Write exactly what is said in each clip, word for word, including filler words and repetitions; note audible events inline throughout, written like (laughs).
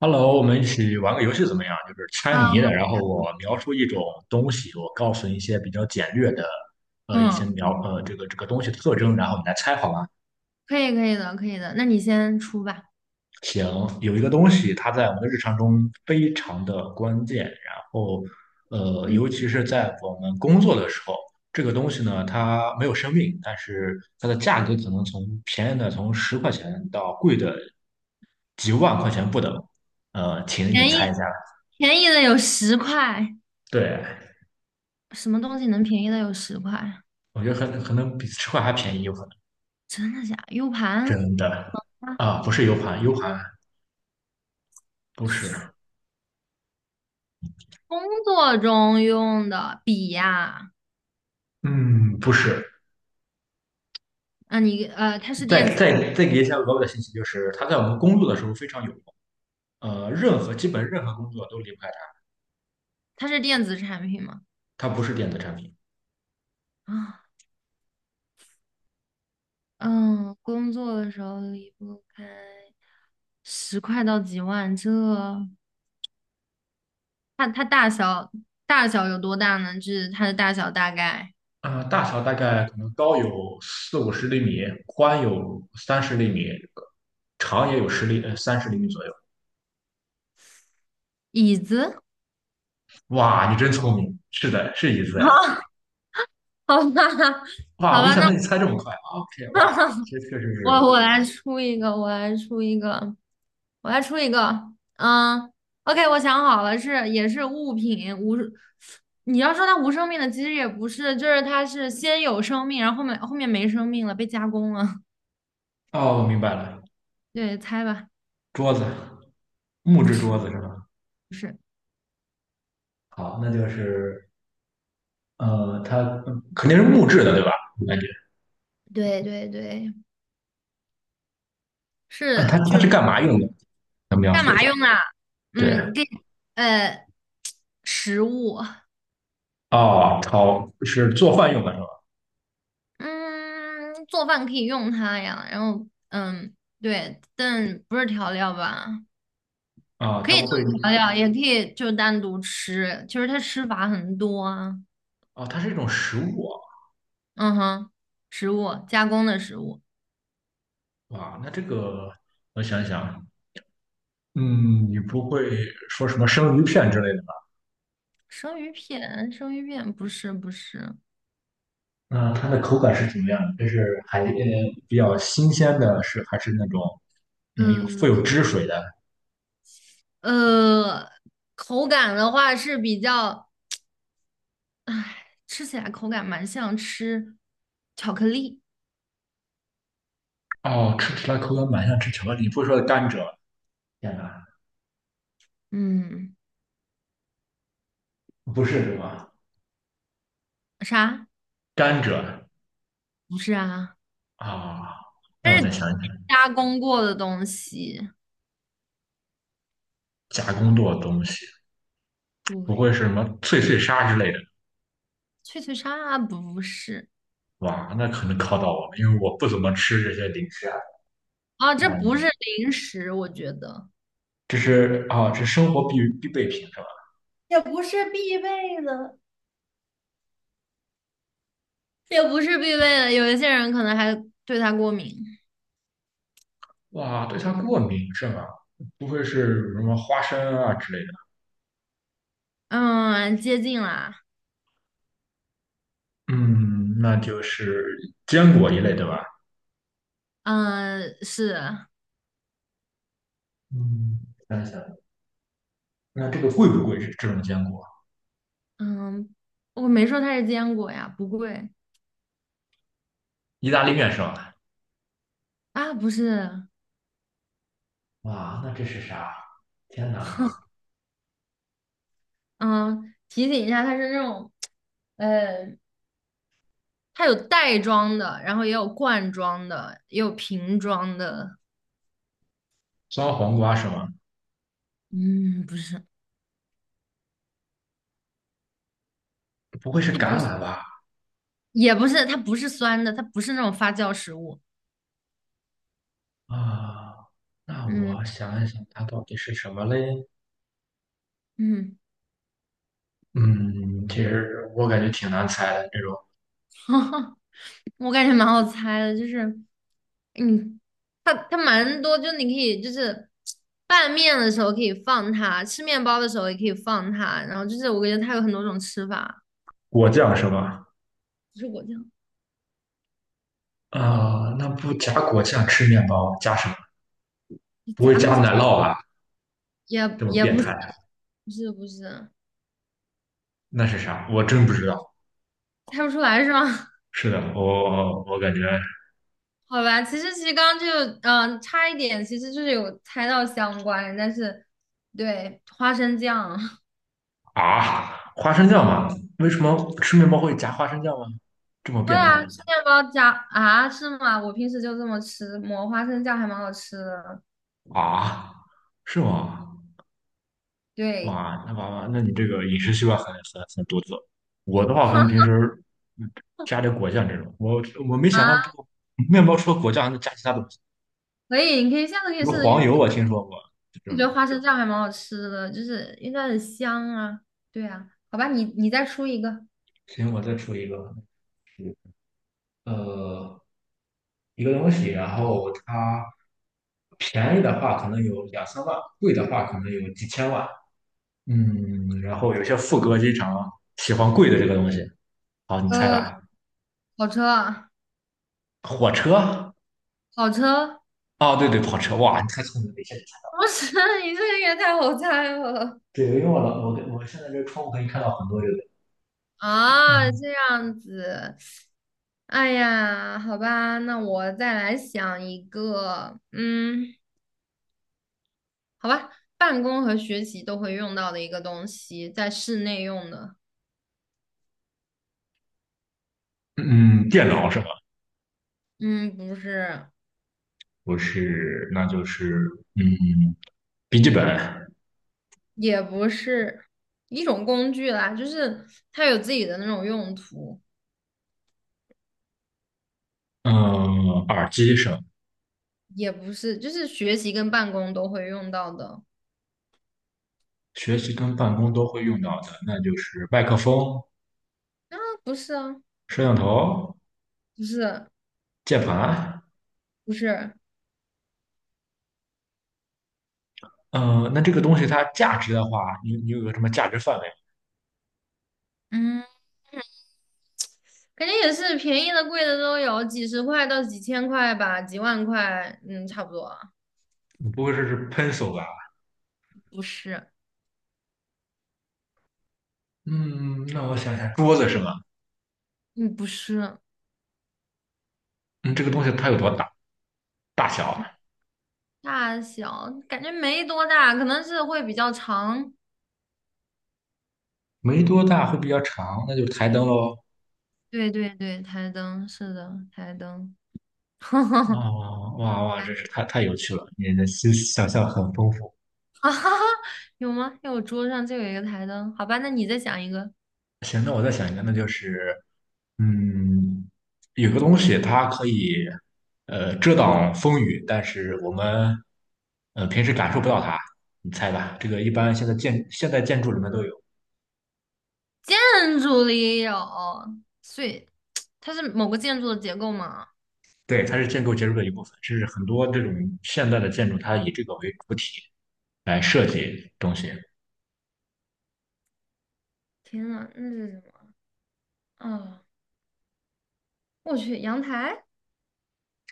Hello,我们一起玩个游戏怎么样？就是猜啊，谜好。的，然后我描述一种东西，我告诉你一些比较简略的，呃，一些嗯，描呃这个这个东西的特征，然后你来猜好吗？可以可以的，可以的，那你先出吧。行，有一个东西，它在我们的日常中非常的关键，然后呃，嗯，尤其是在我们工作的时候，这个东西呢，它没有生命，但是它的价格可能从便宜的从十块钱到贵的几万块钱不等。呃，请你便宜猜一下。便宜的有十块。对，什么东西能便宜的有十块？我觉得可能可能比吃块还便宜，有可能真的假？U 盘？真的啊，啊，不是 U 盘，U 盘不是，工作中用的笔呀。嗯，不是。啊，你呃，它是电再子。再再给一下额外的信息，就是它在我们工作的时候非常有用，呃，任何基本任何工作都离不开它，它是电子产品吗？它不是电子产品。啊。嗯，工作的时候离不开，十块到几万。这它它大小大小有多大呢？就是它的大小大概。啊，大小大概可能高有四五十厘米，宽有三十厘米，长也有十厘呃三十厘米左右。椅子。哇，你真聪明，是的，是椅子 (laughs) 哎。啊。(laughs) 好吧，(laughs) 好哇，没吧，想那 到你猜这么快啊，O K,哇，(laughs) 这确实我是。我来出一个，我来出一个，我来出一个。嗯，OK,我想好了，是也是物品无。你要说它无生命的，其实也不是，就是它是先有生命，然后后面后面没生命了，被加工了。(laughs) 哦，我明白了，对，猜吧。桌子。木不质是桌子是吧？不是。好，那就是呃，它嗯肯定是木质的，对吧？我感觉，对对对，啊它是它就是是。干嘛用的？咱们描干述一嘛下。用啊？对，嗯，给呃食物。(laughs) 哦，炒是做饭用的是吧？嗯，做饭可以用它呀，然后嗯，对，但不是调料吧？啊、可它以不会，当调料，也可以就单独吃。就是它吃法很多啊。哦，它是一种食物啊。嗯哼。食物，加工的食物。哇那这个我想想，嗯，你不会说什么生鱼片之类的吧？生鱼片。生鱼片不是。不是。那它的口感是怎么样的？这是海呃比较新鲜的是，还是那种嗯有富有呃汁水的？呃，口感的话是比较。吃起来口感蛮像吃巧克力。哦，吃起来口感蛮像吃巧克力，不会说是甘蔗吧。天哪，嗯。不是什么啥？甘蔗不是啊。啊？它那我再是想一想，加工过的东西。加工过的东西，不会对。是什么脆脆鲨之类的？脆脆鲨不是。哇，那可能考到我了，因为我不怎么吃这些零食啊。啊，这不嗯是零食，我觉得。这是啊，这生活必必备品是吧？也不是必备的，也不是必备的，有一些人可能还对它过敏。哇，对它过敏是吗？不会是什么花生啊之类的？嗯，接近啦。嗯，那就是坚果一类对吧？嗯，是。嗯，想想，那这个贵不贵？这这种坚果，嗯，我没说它是坚果呀，不贵。意大利面是吧？啊，不是。哇，那这是啥？天哪，嗯，提醒一下，它是那种，呃，它有袋装的，然后也有罐装的，也有瓶装的。酸黄瓜是吗？嗯，不是。不会是它不橄是。榄吧？也不是，它不是酸的，它不是那种发酵食物。啊，那我嗯想一想，它到底是什么嘞？嗯。嗯，其实我感觉挺难猜的，这种 (laughs) 我感觉蛮好猜的，就是嗯，它它蛮多，就你可以就是拌面的时候可以放它，吃面包的时候也可以放它，然后就是我感觉它有很多种吃法。果酱是吧？不是果酱。啊，那不加果酱吃面包，加什么？你不夹会东加西。奶酪吧？也这么也变不是。态，不是不是。那是啥？我真不知道。猜不出来是吗？(laughs) 是的，我我感觉好吧，其实其实刚刚就嗯、呃差一点，其实就是有猜到相关，但是对。花生酱。啊，花生酱吗？为什么吃面包会加花生酱吗？这么会变啊，态吃面包加啊。是吗？我平时就这么吃，抹花生酱还蛮好吃的。啊？是吗？对。哇，那娃娃，那你这个饮食习惯很很很独特。我的话，可哈 能平时嗯加点果酱这种，我我没 (laughs) 想啊，到这个面包除了果酱还能加其他东西，可以，你可以下次可以比如试试，因为黄我油，我听说过这我种。觉得花生酱还蛮好吃的，就是因为它很香啊。对啊，好吧，你你再出一个。行，我再出一个，呃，一个东西，然后它便宜的话可能有两三万，贵的话可能有几千万。嗯，然后有些副歌经常喜欢贵的这个东西。好，你猜呃，吧，跑车啊。火车。跑车。啊，对对，跑车。哇，你太聪明了，一下就猜。不是。(laughs) 你这个也太好猜了。对，因为我老我我现在这窗户可以看到很多这个，啊，嗯，这样子。哎呀，好吧，那我再来想一个。嗯。好吧，办公和学习都会用到的一个东西，在室内用的。嗯，电脑是吧？嗯，不是。不是，那就是，嗯，笔记本，也不是。一种工具啦，就是它有自己的那种用途。嗯，耳机是吧也不是，就是学习跟办公都会用到的。学习跟办公都会用到的，那就是麦克风、啊，不是啊。摄像头、不是。键盘。不是。嗯，那这个东西它价值的话，你你有个什么价值范围？嗯，肯定也是便宜的、贵的都有，几十块到几千块吧，几万块，嗯，差不多啊。你不会说是 pencil 吧？不是。嗯，那我想想，桌子是吗？嗯，不是。嗯，这个东西它有多大？大小？大小感觉没多大，可能是会比较长。没多大，会比较长，那就台灯喽。对对对，台灯是的，台灯。哇 (laughs) 哇哇哇，真是太太有趣了！你的思想象很丰富。啊哈哈。有吗？因为我桌上就有一个台灯。好吧，那你再讲一个。行，那我再想一个，那就是，嗯，有个东西它可以，呃，遮挡风雨，但是我们，呃，平时感受不到它。你猜吧，这个一般现在建现代建筑里面都有，建筑里有，所以它是某个建筑的结构吗？对，它是建筑结构的一部分，甚至很多这种现代的建筑，它以这个为主体来设计东西。天呐，那是什么啊？我去，阳台。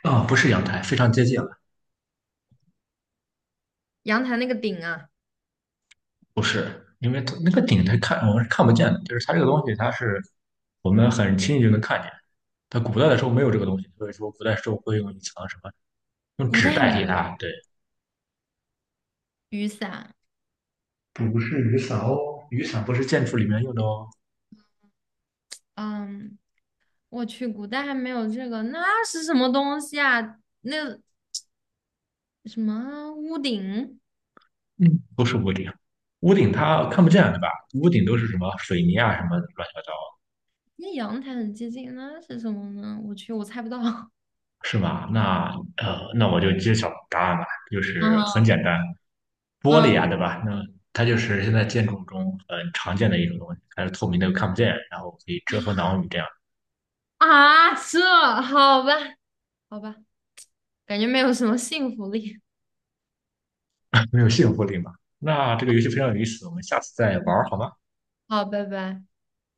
啊、不是阳台，非常接近。阳台那个顶啊。不是，因为它那个顶它看我们是看不见的，就是它这个东西，它是我们很轻易就能看见。它古代的时候没有这个东西，所以说古代时候会用一层什么，用古纸代代替没它。对，雨伞。不是雨伞哦，雨伞不是建筑里面用的哦，嗯，我去，古代还没有这个，那是什么东西啊？那什么屋顶？嗯，不是屋顶，屋顶它看不见对吧？屋顶都是什么水泥啊什么乱七八糟，那阳台很接近，那是什么呢？我去，我猜不到。(laughs) 是吗？那呃，那我就揭晓答案吧，就是很嗯简单，玻璃嗯，啊，对吧？那它就是现在建筑中很常见的一种东西，它是透明的，又看不见，然后可以遮风挡雨，这样 啊，这。好吧，好吧，感觉没有什么信服力。(laughs) 没有信服力嘛。那这个游戏非常有意思，我们下次再玩嗯，儿好吗？好，拜拜。